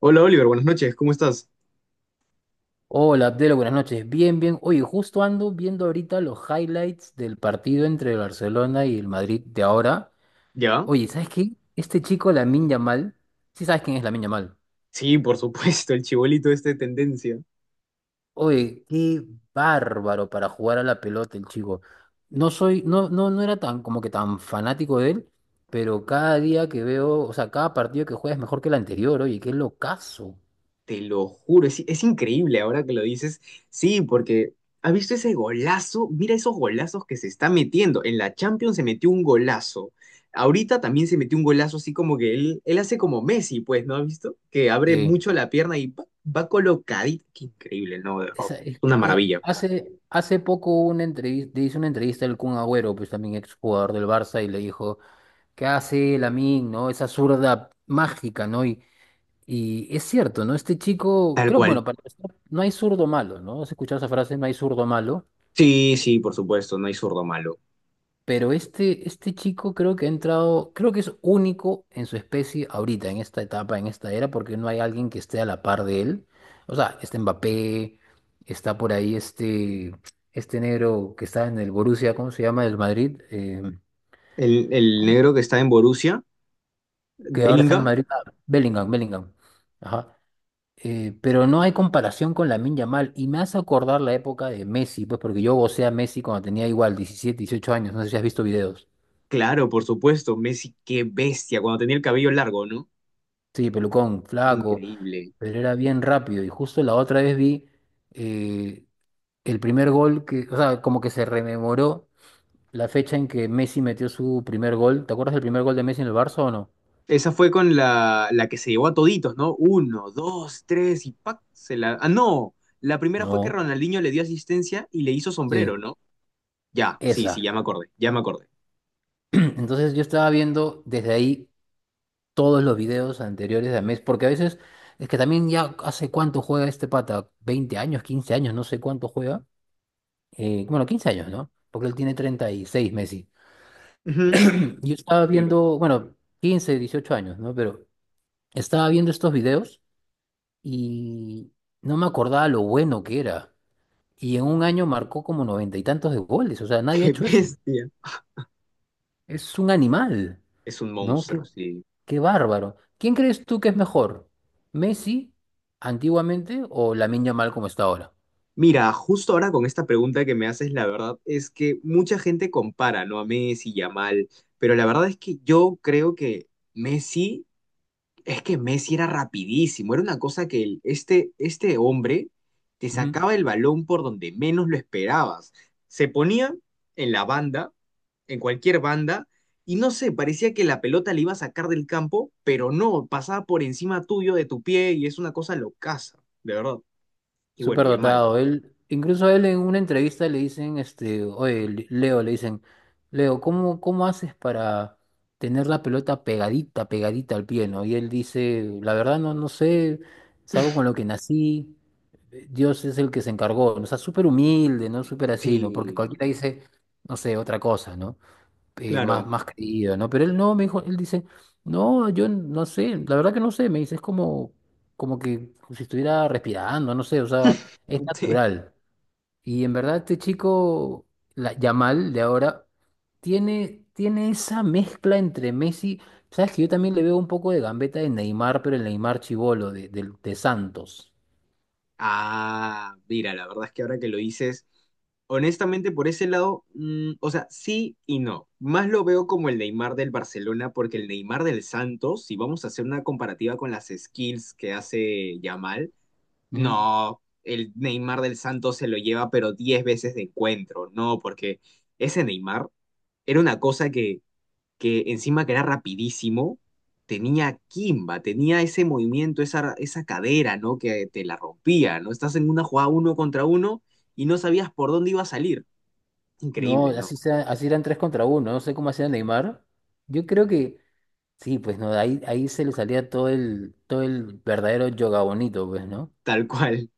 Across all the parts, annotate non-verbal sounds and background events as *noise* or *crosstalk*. Hola Oliver, buenas noches, ¿cómo estás? Hola, Abdelo, buenas noches. Bien, bien. Oye, justo ando viendo ahorita los highlights del partido entre el Barcelona y el Madrid de ahora. ¿Ya? Oye, ¿sabes qué? Este chico, Lamine Yamal, sí sabes quién es Lamine Yamal. Sí, por supuesto, el chibolito este de tendencia. Oye, qué bárbaro para jugar a la pelota el chico. No soy, no, no, no era tan como que tan fanático de él, pero cada día que veo, o sea, cada partido que juega es mejor que el anterior. Oye, qué locazo. Te lo juro, es increíble ahora que lo dices. Sí, porque ¿has visto ese golazo? Mira esos golazos que se está metiendo. En la Champions se metió un golazo. Ahorita también se metió un golazo así como que él hace como Messi, pues, ¿no has visto? Que abre Sí. mucho la pierna y pa, va colocadito. Qué increíble, ¿no? De verdad. Esa- es- Una eh, maravilla. hace, hace poco hubo una entrevista, hizo una entrevista al Kun Agüero, pues también exjugador del Barça, y le dijo, ¿qué hace Lamine, no? Esa zurda mágica, ¿no? Y es cierto, ¿no? Este chico, Tal creo, bueno, cual. para empezar, no hay zurdo malo, ¿no? ¿Has escuchado esa frase? No hay zurdo malo. Sí, sí, por supuesto, no hay zurdo malo. Pero este chico creo que ha entrado, creo que es único en su especie ahorita, en esta etapa, en esta era, porque no hay alguien que esté a la par de él. O sea, está Mbappé, está por ahí este negro que está en el Borussia, ¿cómo se llama? Del Madrid, El ¿cómo? negro que está en Borussia, Que ahora está en el Bellingham. Madrid. Ah, Bellingham, Bellingham. Ajá. Pero no hay comparación con Lamine Yamal. Y me hace acordar la época de Messi, pues porque yo gocé a Messi cuando tenía igual 17 18 años. No sé si has visto videos. Claro, por supuesto, Messi, qué bestia, cuando tenía el cabello largo, ¿no? Sí, pelucón, flaco. Increíble. Pero era bien rápido. Y justo la otra vez vi eh, el primer gol que, o sea, como que se rememoró la fecha en que Messi metió su primer gol. ¿Te acuerdas del primer gol de Messi en el Barça o no? Esa fue con la que se llevó a toditos, ¿no? Uno, dos, tres y ¡pac! Se la. Ah, no, la primera fue que No. Ronaldinho le dio asistencia y le hizo sombrero, Sí, ¿no? Ya, sí, sí, esa. ya me acordé, ya me acordé. *clears throat* Entonces yo estaba viendo desde ahí todos los videos anteriores de Messi, porque a veces es que también ya hace cuánto juega este pata, 20 años, 15 años, no sé cuánto juega. Bueno, 15 años, ¿no? Porque él tiene 36 Messi. Ujú, *clears throat* Yo estaba claro. viendo, bueno, 15 18 años, ¿no? Pero estaba viendo estos videos y no me acordaba lo bueno que era. Y en un año marcó como noventa y tantos de goles. O sea, nadie ha Qué hecho eso. bestia. Es un animal, Es un ¿no? monstruo, Qué, sí. qué bárbaro. ¿Quién crees tú que es mejor? ¿Messi antiguamente o Lamine Yamal como está ahora? Mira, justo ahora con esta pregunta que me haces, la verdad es que mucha gente compara, ¿no? A Messi y a Mal, pero la verdad es que yo creo que Messi. Es que Messi era rapidísimo, era una cosa que este hombre te Ujú. sacaba el balón por donde menos lo esperabas. Se ponía en la banda, en cualquier banda, y no sé, parecía que la pelota le iba a sacar del campo, pero no, pasaba por encima tuyo, de tu pie, y es una cosa locaza, de verdad. Y bueno, Súper Yamal. dotado. Él, incluso a él en una entrevista le dicen, oye, Leo, le dicen, Leo, ¿cómo haces para tener la pelota pegadita, pegadita al pie, ¿no? Y él dice, la verdad no sé, es algo con lo que nací, Dios es el que se encargó, ¿no? O sea, súper humilde, ¿no? Súper así, ¿no? Porque Sí, cualquiera dice, no sé, otra cosa, ¿no? eh, más, claro. más creído, ¿no? Pero él no, me dijo, él dice, no, yo no sé, la verdad que no sé, me dice, es como que si estuviera respirando, no sé, o sea, es *laughs* natural. Y en verdad este chico, Yamal de ahora, tiene esa mezcla entre Messi, sabes que yo también le veo un poco de gambeta de Neymar, pero el Neymar chibolo de Santos. Ah, mira, la verdad es que ahora que lo dices, honestamente por ese lado, o sea, sí y no. Más lo veo como el Neymar del Barcelona, porque el Neymar del Santos, si vamos a hacer una comparativa con las skills que hace Yamal, Ujú. no, el Neymar del Santos se lo lleva pero 10 veces de encuentro, no, porque ese Neymar era una cosa que encima que era rapidísimo, tenía Kimba, tenía ese movimiento, esa cadera, ¿no? Que te la rompía, ¿no? Estás en una jugada uno contra uno y no sabías por dónde iba a salir. No, Increíble, ¿no? así sea, así eran tres contra uno, no sé cómo hacía Neymar. Yo creo que. Sí, pues no, ahí se le salía todo el verdadero yoga bonito, pues, ¿no? Tal cual,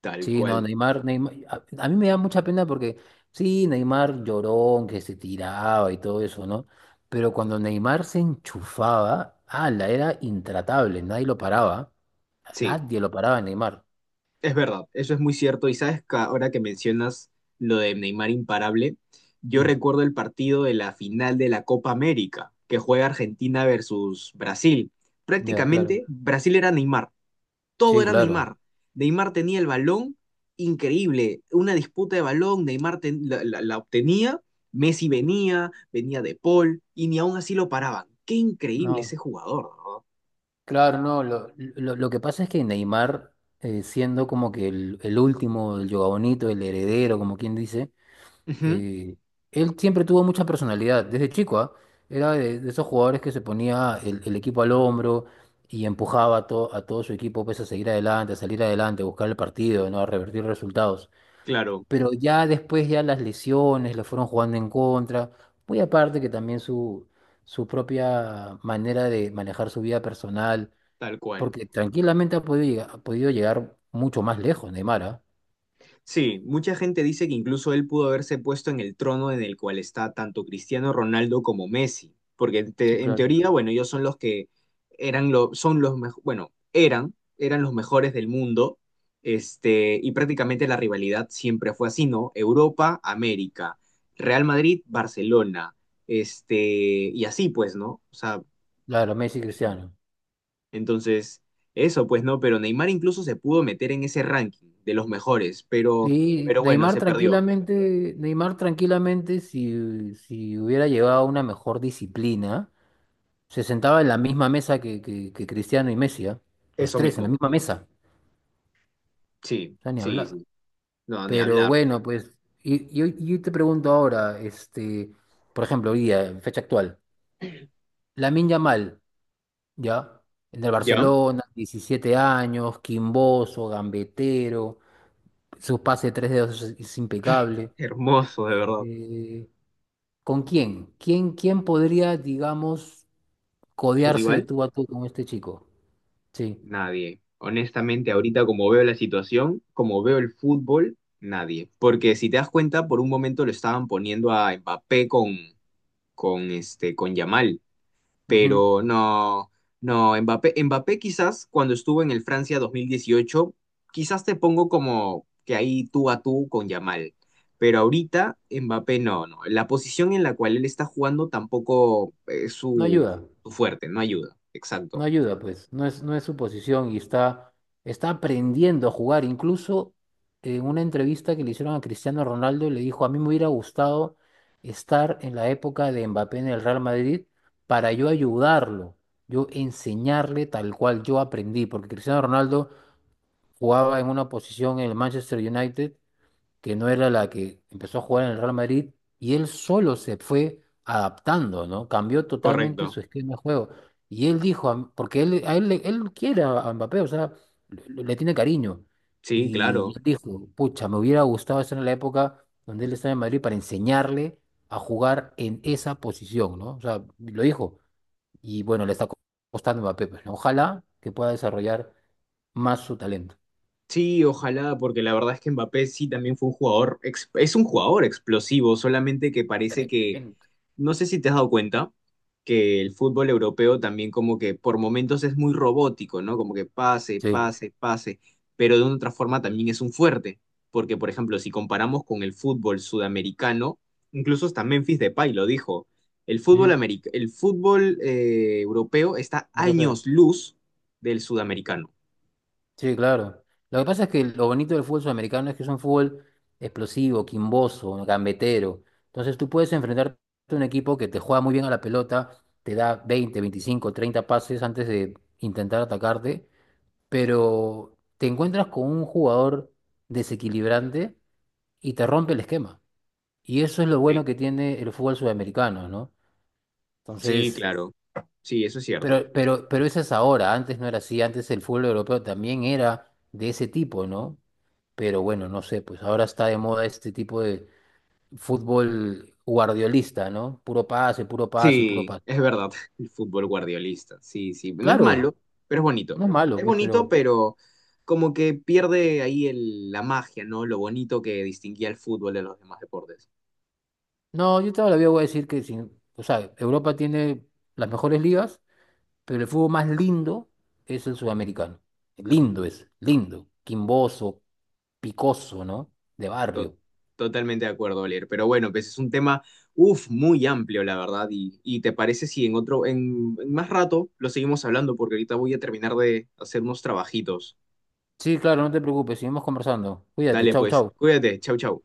tal Sí, no, cual. Neymar, Neymar, a mí me da mucha pena porque, sí, Neymar llorón, que se tiraba y todo eso, ¿no? Pero cuando Neymar se enchufaba, ala, era intratable, nadie lo paraba, Sí, nadie lo paraba a Neymar. es verdad, eso es muy cierto. Y sabes que ahora que mencionas lo de Neymar imparable, yo Mm, recuerdo el partido de la final de la Copa América, que juega Argentina versus Brasil. ya, claro. Prácticamente Brasil era Neymar. Todo Sí, era claro. Neymar. Neymar tenía el balón, increíble, una disputa de balón, Neymar la obtenía, Messi venía, venía de Paul, y ni aún así lo paraban. Qué increíble No, ese jugador, ¿no? claro, no, lo que pasa es que Neymar, siendo como que el último, el yoga bonito, el heredero, como quien dice, Ujú, eh, él siempre tuvo mucha personalidad, desde chico, ¿ah? Era de esos jugadores que se ponía el equipo al hombro y empujaba a todo su equipo pues, a seguir adelante, a salir adelante, a buscar el partido, ¿no? A revertir resultados. claro, Pero ya después ya las lesiones le fueron jugando en contra, muy aparte que también su propia manera de manejar su vida personal, tal cual. porque tranquilamente ha podido llegar mucho más lejos, Neymar, ¿ah? Sí, mucha gente dice que incluso él pudo haberse puesto en el trono en el cual está tanto Cristiano Ronaldo como Messi, porque en, Sí, te- en claro. teoría, bueno, ellos son los que eran bueno, eran, eran los mejores del mundo, este, y prácticamente la rivalidad siempre fue así, ¿no? Europa, América, Real Madrid, Barcelona, este, y así pues, ¿no? O sea, Claro, Messi y Cristiano. entonces, eso pues, ¿no? Pero Neymar incluso se pudo meter en ese ranking de los mejores, Sí, pero bueno, se perdió. Neymar tranquilamente, si hubiera llevado una mejor disciplina, se sentaba en la misma mesa que Cristiano y Messi, ¿ah? Los Eso tres en la mismo. misma mesa, Sí, o sea, ni sí, hablar. sí. No, ni Pero hablar. bueno, pues, y yo te pregunto ahora, por ejemplo, hoy día, en fecha actual, Lamine Yamal, ¿ya? En el ¿Ya? Barcelona, 17 años, quimboso, gambetero, su pase de tres dedos es impecable. Hermoso, de verdad. Eh, ¿Con quién? ¿Quién podría, digamos, ¿Su codearse de rival? tú a tú con este chico? Sí. Nadie. Honestamente, ahorita como veo la situación, como veo el fútbol, nadie. Porque si te das cuenta, por un momento lo estaban poniendo a Mbappé con, con Yamal. Ujú. Pero no, no, Mbappé quizás cuando estuvo en el Francia 2018 quizás te pongo como que ahí tú a tú con Yamal, pero ahorita Mbappé no, no, la posición en la cual él está jugando tampoco es No su, ayuda, su fuerte, no ayuda, no exacto, ayuda, pues. No es, no es su posición y está aprendiendo a jugar. Incluso en una entrevista que le hicieron a Cristiano Ronaldo, le dijo, a mí me hubiera gustado estar en la época de Mbappé en el Real Madrid para yo ayudarlo, yo enseñarle tal cual yo aprendí, porque Cristiano Ronaldo jugaba en una posición en el Manchester United que no era la que empezó a jugar en el Real Madrid, y él solo se fue adaptando, ¿no? Cambió totalmente correcto, su esquema de juego. Y él dijo, porque él, a él, él quiere a Mbappé, o sea, le tiene cariño. sí, Y claro. él dijo, pucha, me hubiera gustado estar en la época donde él estaba en Madrid para enseñarle a jugar en esa posición, ¿no? O sea, lo dijo. Y bueno, le está costando a Mbappé, pues, ¿no? Ojalá que pueda desarrollar más su talento. Sí, ojalá, porque la verdad es que Mbappé sí también fue un jugador, es un jugador explosivo, solamente que parece que. Tremendo. No sé si te has dado cuenta que el fútbol europeo también como que por momentos es muy robótico, ¿no? Como que pase, Sí. pase, pase, pero de una otra forma también es un fuerte, porque por ejemplo, si comparamos con el fútbol sudamericano, incluso hasta Memphis Depay lo dijo, el fútbol Ujú. americ- el fútbol eh, europeo está Europeo. años luz del sudamericano. Sí, claro. Lo que pasa es que lo bonito del fútbol sudamericano es que es un fútbol explosivo, quimboso, gambetero. Entonces tú puedes enfrentarte a un equipo que te juega muy bien a la pelota, te da 20, 25, 30 pases antes de intentar atacarte, pero te encuentras con un jugador desequilibrante y te rompe el esquema. Y eso es lo bueno Sí. que tiene el fútbol sudamericano, ¿no? Sí, Entonces, claro. Sí, eso es cierto. pero eso es ahora, antes no era así, antes el fútbol europeo también era de ese tipo, ¿no? Pero bueno, no sé, pues ahora está de moda este tipo de fútbol guardiolista, ¿no? Puro pase, puro pase, puro Sí, pase. es verdad, *laughs* el fútbol guardiolista, sí, sí, no es malo, Claro, pero es bonito. no es malo, Es pues, bonito, pero pero como que pierde ahí la magia, ¿no? Lo bonito que distinguía el fútbol de los demás deportes. no, yo todavía voy a decir que sin, o sea, Europa tiene las mejores ligas, pero el fútbol más lindo es el sudamericano. Lindo es, lindo, quimboso, picoso, ¿no? De To- barrio. totalmente de acuerdo, Oliver. Pero bueno, pues es un tema, uff, muy amplio, la verdad. Y te parece si en otro, en más rato lo seguimos hablando, porque ahorita voy a terminar de hacer unos trabajitos. Sí, claro, no te preocupes, seguimos conversando. Cuídate, Dale, chau, pues, chau. cuídate, chau, chau.